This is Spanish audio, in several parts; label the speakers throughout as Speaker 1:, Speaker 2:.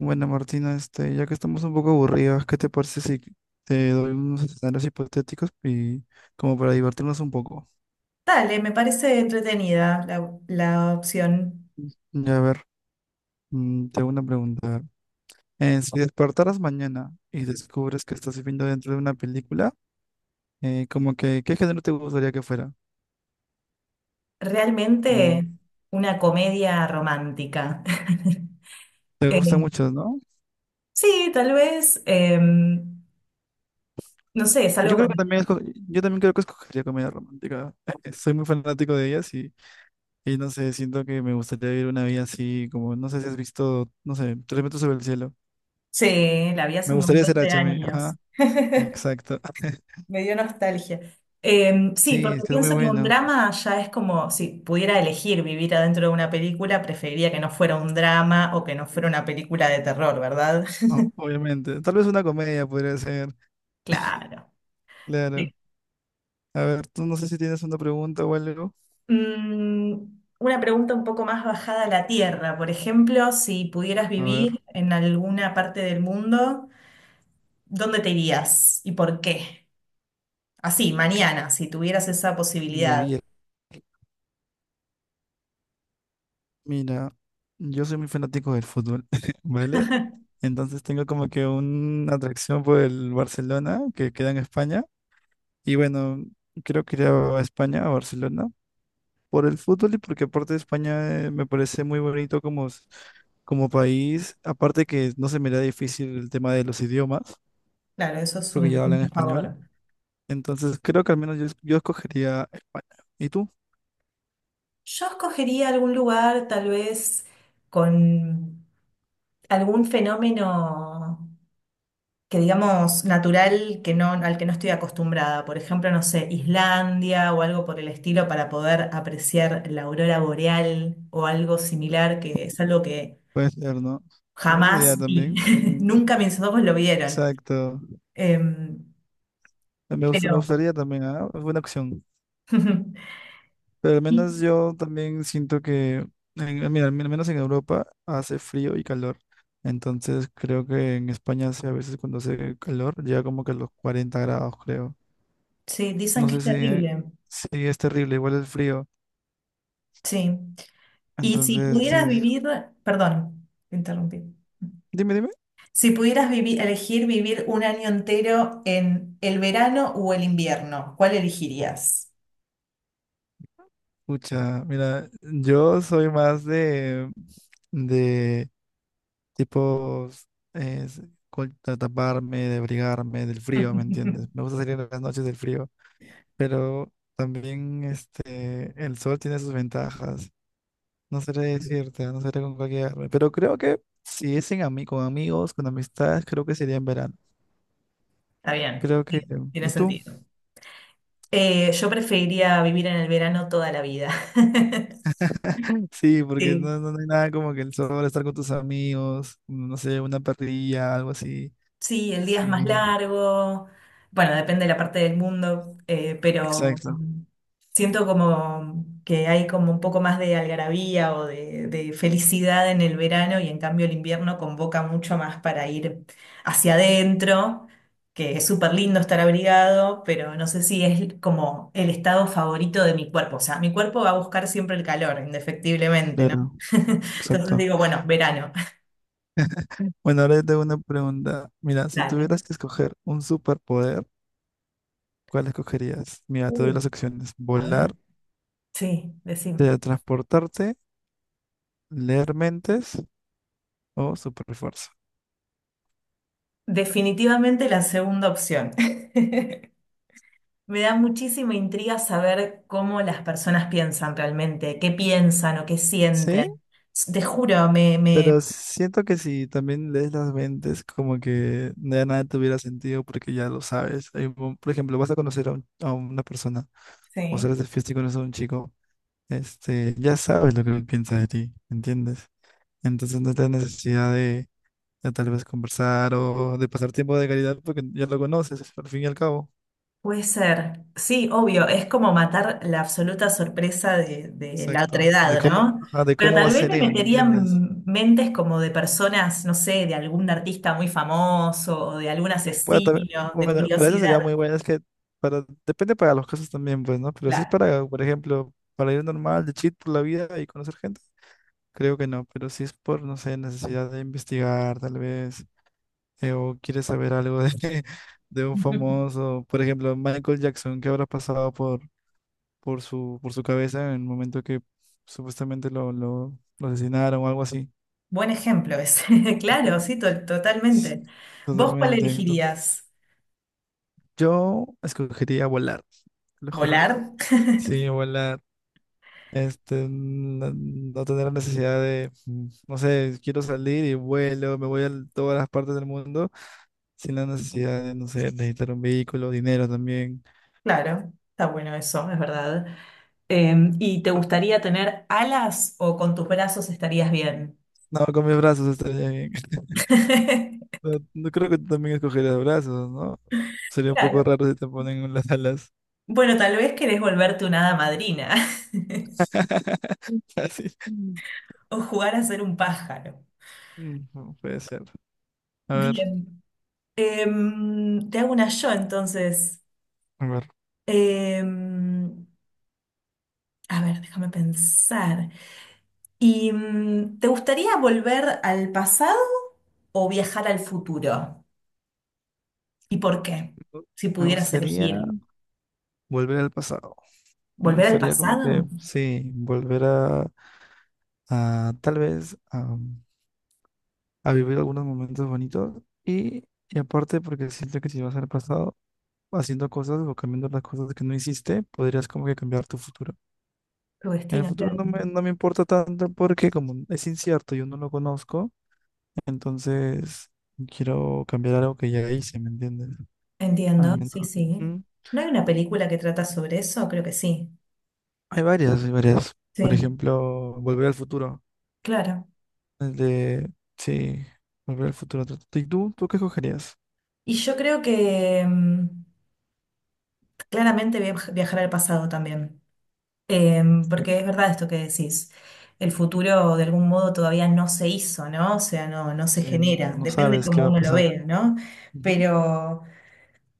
Speaker 1: Bueno, Martina, ya que estamos un poco aburridas, ¿qué te parece si te doy unos escenarios hipotéticos y como para divertirnos un poco?
Speaker 2: Dale, me parece entretenida la opción.
Speaker 1: Ya a ver, te hago una pregunta. Si despertaras mañana y descubres que estás viviendo dentro de una película, ¿qué género te gustaría que fuera? Como
Speaker 2: Realmente una comedia romántica.
Speaker 1: te gustan
Speaker 2: Eh,
Speaker 1: muchos, ¿no?
Speaker 2: sí, tal vez, no sé, es
Speaker 1: Yo
Speaker 2: algo
Speaker 1: creo que
Speaker 2: cuando...
Speaker 1: también esco- yo también creo que escogería comedia romántica. Soy muy fanático de ellas y no sé, siento que me gustaría vivir una vida así, como no sé si has visto, no sé, Tres metros sobre el cielo.
Speaker 2: Sí, la vi hace
Speaker 1: Me
Speaker 2: un
Speaker 1: gustaría
Speaker 2: montón
Speaker 1: ser
Speaker 2: de
Speaker 1: hacha a mí.
Speaker 2: años.
Speaker 1: Ajá, exacto.
Speaker 2: Me dio nostalgia. Sí,
Speaker 1: Sí,
Speaker 2: porque
Speaker 1: es que es muy
Speaker 2: pienso que un
Speaker 1: bueno,
Speaker 2: drama ya es como, si pudiera elegir vivir adentro de una película, preferiría que no fuera un drama o que no fuera una película de terror, ¿verdad?
Speaker 1: obviamente. Tal vez una comedia podría ser,
Speaker 2: Claro.
Speaker 1: claro. A ver, tú no sé si tienes una pregunta o algo.
Speaker 2: Mm, una pregunta un poco más bajada a la tierra. Por ejemplo, si pudieras
Speaker 1: A ver,
Speaker 2: vivir en alguna parte del mundo, ¿dónde te irías y por qué? Así, mañana, si tuvieras esa posibilidad.
Speaker 1: vivir. Mira, yo soy muy fanático del fútbol, ¿vale? Entonces tengo como que una atracción por el Barcelona, que queda en España. Y bueno, creo que iría a España, a Barcelona. Por el fútbol y porque aparte España me parece muy bonito como, como país, aparte que no se me da difícil el tema de los idiomas,
Speaker 2: Claro, eso es
Speaker 1: porque
Speaker 2: un
Speaker 1: ya hablan
Speaker 2: punto a
Speaker 1: español,
Speaker 2: favor.
Speaker 1: entonces creo que al menos yo, yo escogería España. ¿Y tú?
Speaker 2: Yo escogería algún lugar, tal vez, con algún fenómeno. Que digamos natural que no, al que no estoy acostumbrada. Por ejemplo, no sé, Islandia o algo por el estilo para poder apreciar la aurora boreal o algo similar, que es algo que
Speaker 1: Puede ser, ¿no? Buena
Speaker 2: jamás
Speaker 1: idea
Speaker 2: vi.
Speaker 1: también. Sí.
Speaker 2: Nunca mis ojos lo vieron.
Speaker 1: Exacto.
Speaker 2: Em,
Speaker 1: Me
Speaker 2: pero
Speaker 1: gustaría también, ¿ah? Es buena opción. Pero al
Speaker 2: y-
Speaker 1: menos yo también siento que, mira, al menos en Europa hace frío y calor. Entonces creo que en España hace, a veces cuando hace calor llega como que a los 40 grados, creo.
Speaker 2: sí, dicen
Speaker 1: No
Speaker 2: que
Speaker 1: sé
Speaker 2: es
Speaker 1: si,
Speaker 2: terrible.
Speaker 1: si es terrible, igual el frío.
Speaker 2: Sí. Y si
Speaker 1: Entonces,
Speaker 2: pudieras
Speaker 1: sí.
Speaker 2: vivir, perdón, te interrumpí.
Speaker 1: Dime, dime.
Speaker 2: Si elegir vivir un año entero en el verano o el invierno, ¿cuál elegirías?
Speaker 1: Pucha, mira, yo soy más de tipos, eh, de taparme, de abrigarme del frío, ¿me entiendes? Me gusta salir en las noches del frío. Pero también el sol tiene sus ventajas. No seré decirte, no seré con cualquier árbol, pero creo que si es con amigos, con amistades, creo que sería en verano.
Speaker 2: Está bien,
Speaker 1: Creo que,
Speaker 2: tiene
Speaker 1: ¿y tú?
Speaker 2: sentido. Yo preferiría vivir en el verano toda la vida.
Speaker 1: Sí, porque
Speaker 2: Sí.
Speaker 1: no hay nada como que el sol, estar con tus amigos, no sé, una parrilla, algo así.
Speaker 2: Sí, el día es
Speaker 1: Sí,
Speaker 2: más largo. Bueno, depende de la parte del mundo, pero
Speaker 1: exacto,
Speaker 2: siento como que hay como un poco más de algarabía o de felicidad en el verano y en cambio el invierno convoca mucho más para ir hacia adentro, que es súper lindo estar abrigado, pero no sé si es como el estado favorito de mi cuerpo. O sea, mi cuerpo va a buscar siempre el calor, indefectiblemente, ¿no?
Speaker 1: claro,
Speaker 2: Entonces
Speaker 1: exacto.
Speaker 2: digo, bueno, verano.
Speaker 1: Bueno, ahora yo tengo una pregunta. Mira, si
Speaker 2: Dale.
Speaker 1: tuvieras que escoger un superpoder, ¿cuál escogerías? Mira, te doy
Speaker 2: Uh,
Speaker 1: las opciones.
Speaker 2: a ver.
Speaker 1: Volar,
Speaker 2: Sí, decime.
Speaker 1: teletransportarte, leer mentes o superfuerza.
Speaker 2: Definitivamente la segunda opción. Me da muchísima intriga saber cómo las personas piensan realmente, qué piensan o qué
Speaker 1: Sí,
Speaker 2: sienten. Te juro, me...
Speaker 1: pero siento que si también lees las mentes, como que ya nada tuviera sentido porque ya lo sabes. Por ejemplo, vas a conocer a una persona o
Speaker 2: Sí.
Speaker 1: sales de fiesta y conoces a un chico, ya sabes lo que él piensa de ti, ¿entiendes? Entonces no tienes necesidad de, tal vez conversar o de pasar tiempo de calidad porque ya lo conoces, al fin y al cabo.
Speaker 2: Puede ser. Sí, obvio, es como matar la absoluta sorpresa de la otra
Speaker 1: Exacto. De
Speaker 2: edad,
Speaker 1: cómo,
Speaker 2: ¿no?
Speaker 1: ajá, de
Speaker 2: Pero
Speaker 1: cómo va a
Speaker 2: tal vez
Speaker 1: ser
Speaker 2: me
Speaker 1: él, ¿me entiendes?
Speaker 2: meterían mentes como de personas, no sé, de algún artista muy famoso o de algún
Speaker 1: Que bueno, también,
Speaker 2: asesino, de
Speaker 1: bueno, para eso sería
Speaker 2: curiosidad.
Speaker 1: muy bueno, es que para, depende para los casos también, pues, ¿no? Pero si es
Speaker 2: Claro.
Speaker 1: para, por ejemplo, para ir normal, de chill por la vida y conocer gente, creo que no, pero si es por, no sé, necesidad de investigar, tal vez, o quieres saber algo de, de un famoso, por ejemplo, Michael Jackson, ¿qué habrá pasado por su cabeza en el momento que supuestamente lo asesinaron o algo así?
Speaker 2: Buen ejemplo ese. Claro,
Speaker 1: Ujú.
Speaker 2: sí,
Speaker 1: S-
Speaker 2: totalmente. ¿Vos cuál
Speaker 1: Totalmente, entonces,
Speaker 2: elegirías?
Speaker 1: yo escogería volar, te lo juro.
Speaker 2: ¿Volar?
Speaker 1: Sí, volar. No tener la necesidad de, no sé, quiero salir y vuelo, me voy a todas las partes del mundo sin la necesidad de, no sé, necesitar un vehículo, dinero también.
Speaker 2: Claro, está bueno eso, es verdad. Eh, ¿Y te gustaría tener alas o con tus brazos estarías bien?
Speaker 1: No, con mis brazos estaría bien. No, no creo que tú también escogerías brazos, ¿no? Sería un poco
Speaker 2: Claro.
Speaker 1: raro si te ponen las alas.
Speaker 2: Bueno, tal vez querés volverte una hada madrina
Speaker 1: Así.
Speaker 2: o jugar a ser un pájaro.
Speaker 1: Mm, no, puede ser. A ver,
Speaker 2: Bien. Te hago una yo entonces.
Speaker 1: a ver.
Speaker 2: Em, a ver, déjame pensar. ¿Y te gustaría volver al pasado o viajar al futuro? ¿Y por qué? Si
Speaker 1: Me
Speaker 2: pudieras
Speaker 1: gustaría
Speaker 2: elegir,
Speaker 1: volver al pasado. Me
Speaker 2: ¿volver al
Speaker 1: gustaría como que,
Speaker 2: pasado?
Speaker 1: sí, volver a tal vez a vivir algunos momentos bonitos y aparte porque siento que si vas al pasado haciendo cosas o cambiando las cosas que no hiciste, podrías como que cambiar tu futuro.
Speaker 2: Tu
Speaker 1: En el
Speaker 2: destino,
Speaker 1: futuro
Speaker 2: claro.
Speaker 1: no me importa tanto porque como es incierto, yo no lo conozco, entonces quiero cambiar algo que ya hice, ¿me entiendes? Al
Speaker 2: Entiendo,
Speaker 1: menos.
Speaker 2: sí, sí.
Speaker 1: Ujú.
Speaker 2: ¿No hay una película que trata sobre eso? Creo que sí.
Speaker 1: Hay varias, hay varias. Por
Speaker 2: Sí,
Speaker 1: ejemplo, volver al futuro.
Speaker 2: claro.
Speaker 1: El de, sí, volver al futuro. ¿Y tú qué escogerías?
Speaker 2: Y yo creo que claramente viajar al pasado también. Porque es verdad esto que decís. El futuro de algún modo todavía no se hizo, ¿no? O sea, no, no se
Speaker 1: Sí, no
Speaker 2: genera.
Speaker 1: no
Speaker 2: Depende
Speaker 1: sabes qué
Speaker 2: cómo
Speaker 1: va a
Speaker 2: uno lo
Speaker 1: pasar.
Speaker 2: vea, ¿no?
Speaker 1: Ujú,
Speaker 2: Pero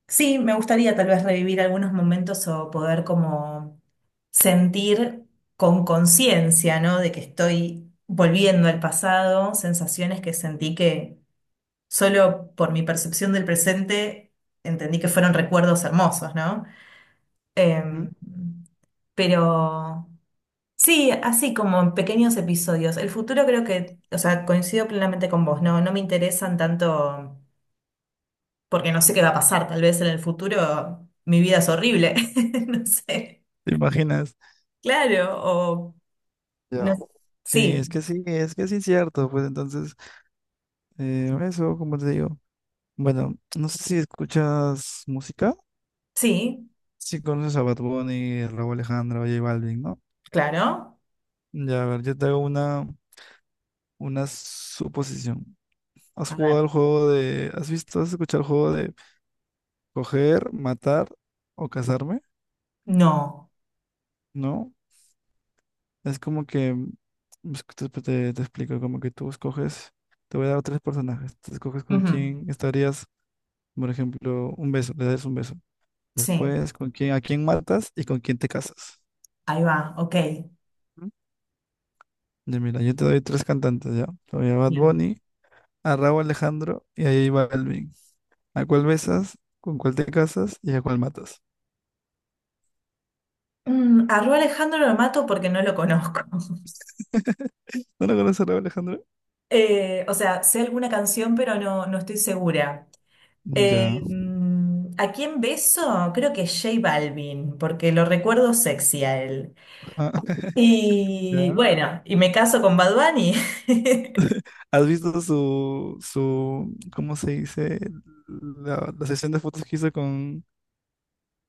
Speaker 2: sí, me gustaría tal vez revivir algunos momentos o poder como sentir con conciencia, ¿no? De que estoy volviendo al pasado, sensaciones que sentí que solo por mi percepción del presente entendí que fueron recuerdos hermosos, ¿no?
Speaker 1: ujú.
Speaker 2: Em, pero sí, así como en pequeños episodios. El futuro creo que, o sea, coincido plenamente con vos, ¿no? No me interesan tanto porque no sé qué va a pasar, tal vez en el futuro mi vida es horrible, no sé.
Speaker 1: ¿Te imaginas?
Speaker 2: Claro, o no
Speaker 1: Ya.
Speaker 2: sé.
Speaker 1: Sí, es
Speaker 2: Sí,
Speaker 1: que sí, es que sí es cierto. Pues entonces, eso, como te digo. Bueno, no sé si escuchas música.
Speaker 2: sí,
Speaker 1: Si conoces a Bad Bunny, Raúl Alejandro, J Balvin, ¿no?
Speaker 2: claro.
Speaker 1: Ya, a ver, yo te hago una suposición. ¿Has
Speaker 2: A
Speaker 1: jugado
Speaker 2: ver,
Speaker 1: al juego de... ¿Has visto, has escuchado el juego de coger, matar o casarme?
Speaker 2: no.
Speaker 1: ¿No? Es como que... es que Te, te te explico, como que tú escoges. Te voy a dar tres personajes. Tú escoges con
Speaker 2: Ujú,
Speaker 1: quién estarías. Por ejemplo, un beso, le das un beso.
Speaker 2: sí,
Speaker 1: Después, ¿con quién, a quién matas y con quién te casas?
Speaker 2: ahí va, ok.
Speaker 1: ¿Mm? Ya, mira, yo te doy tres cantantes ya. Te doy a Bad
Speaker 2: Bien.
Speaker 1: Bunny, a Rauw Alejandro y a J Balvin. ¿A cuál besas? ¿Con cuál te casas? ¿Y a cuál matas?
Speaker 2: Mm, a Ru Alejandro lo mato porque no lo conozco.
Speaker 1: ¿No lo conoces a Rauw Alejandro?
Speaker 2: O sea, sé alguna canción, pero no, no estoy segura.
Speaker 1: Ya.
Speaker 2: ¿A quién beso? Creo que J Balvin, porque lo recuerdo sexy a él.
Speaker 1: Ah,
Speaker 2: Y
Speaker 1: ¿ya?
Speaker 2: bueno, y me caso con Bad Bunny.
Speaker 1: ¿Has visto su, ¿cómo se dice? La sesión de fotos que hizo con,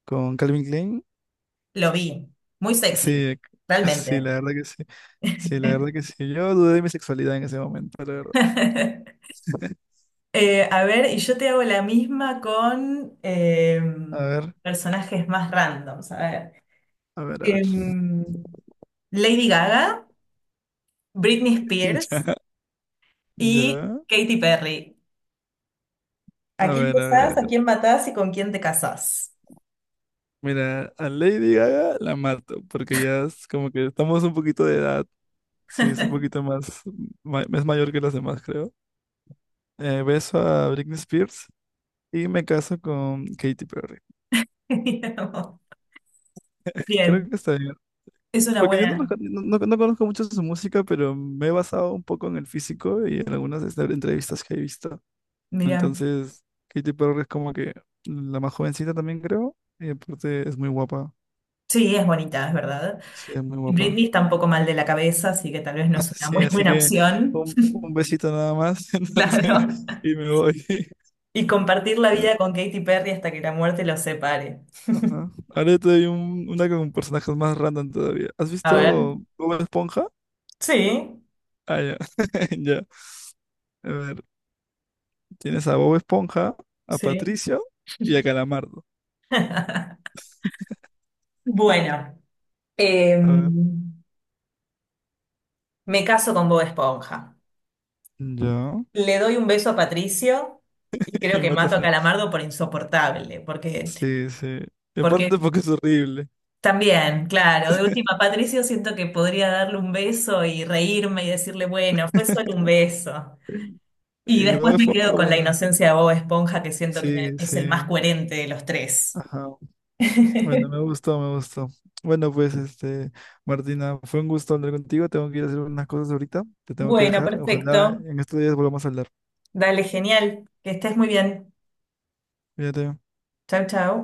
Speaker 1: con Calvin Klein.
Speaker 2: Lo vi, muy sexy,
Speaker 1: Sí, sí, la
Speaker 2: realmente.
Speaker 1: verdad que sí. Sí, la verdad que sí. Yo dudé de mi sexualidad en ese momento, la verdad.
Speaker 2: A ver, y yo te hago la misma con
Speaker 1: A ver,
Speaker 2: personajes más randoms. A ver.
Speaker 1: a ver, a ver.
Speaker 2: Em, Lady Gaga, Britney Spears
Speaker 1: Ya,
Speaker 2: y
Speaker 1: ya.
Speaker 2: Katy Perry. ¿A
Speaker 1: A
Speaker 2: quién
Speaker 1: ver, a ver, a
Speaker 2: besás, a
Speaker 1: ver.
Speaker 2: quién matás y con quién te casás?
Speaker 1: Mira, a Lady Gaga la mato, porque ya es como que estamos un poquito de edad. Sí, es un poquito más, es mayor que las demás, creo. Beso a Britney Spears y me caso con Katy Perry. Creo
Speaker 2: Bien,
Speaker 1: que está bien.
Speaker 2: es una
Speaker 1: Porque yo no, los
Speaker 2: buena.
Speaker 1: con- no- no- no conozco mucho su música, pero me he basado un poco en el físico y en algunas entrevistas que he visto.
Speaker 2: Mira,
Speaker 1: Entonces, Katy Perry es como que la más jovencita también creo, y aparte es muy guapa.
Speaker 2: sí, es bonita, es verdad.
Speaker 1: Sí, es muy guapa.
Speaker 2: Britney está un poco mal de la cabeza, así que tal vez no es una
Speaker 1: Sí,
Speaker 2: muy
Speaker 1: así
Speaker 2: buena
Speaker 1: que
Speaker 2: opción.
Speaker 1: un, un besito nada más,
Speaker 2: Claro.
Speaker 1: entonces, y me voy.
Speaker 2: Y compartir la vida con Katy Perry hasta que la muerte los separe.
Speaker 1: Ajá. Ahora yo te doy una con personajes más random todavía. ¿Has
Speaker 2: A ver.
Speaker 1: visto Bob Esponja?
Speaker 2: Sí,
Speaker 1: Ah, ya. Ya. A ver, tienes a Bob Esponja, a
Speaker 2: sí.
Speaker 1: Patricio y a Calamardo.
Speaker 2: Bueno,
Speaker 1: A ver,
Speaker 2: em, me caso con Bob Esponja.
Speaker 1: ya.
Speaker 2: Le doy un beso a Patricio y creo
Speaker 1: Y
Speaker 2: que mato
Speaker 1: matas
Speaker 2: a
Speaker 1: a.
Speaker 2: Calamardo por insoportable, porque,
Speaker 1: Sí, sí. Y aparte
Speaker 2: porque
Speaker 1: porque es horrible.
Speaker 2: también, claro, de última, Patricio siento que podría darle un beso y reírme y decirle, bueno, fue solo un beso.
Speaker 1: Y
Speaker 2: Y
Speaker 1: luego
Speaker 2: después
Speaker 1: de
Speaker 2: me
Speaker 1: Esponja,
Speaker 2: quedo con la
Speaker 1: bueno.
Speaker 2: inocencia de Bob Esponja, que siento que
Speaker 1: Sí,
Speaker 2: es
Speaker 1: sí.
Speaker 2: el más coherente de los tres.
Speaker 1: Ajá. Bueno, me gustó, me gustó. Bueno, pues, Martina, fue un gusto hablar contigo. Tengo que ir a hacer unas cosas ahorita. Te tengo que
Speaker 2: Bueno,
Speaker 1: dejar. Ojalá
Speaker 2: perfecto.
Speaker 1: en estos días volvamos a hablar.
Speaker 2: Dale, genial. Que estés muy bien.
Speaker 1: Fíjate.
Speaker 2: Chau, chau.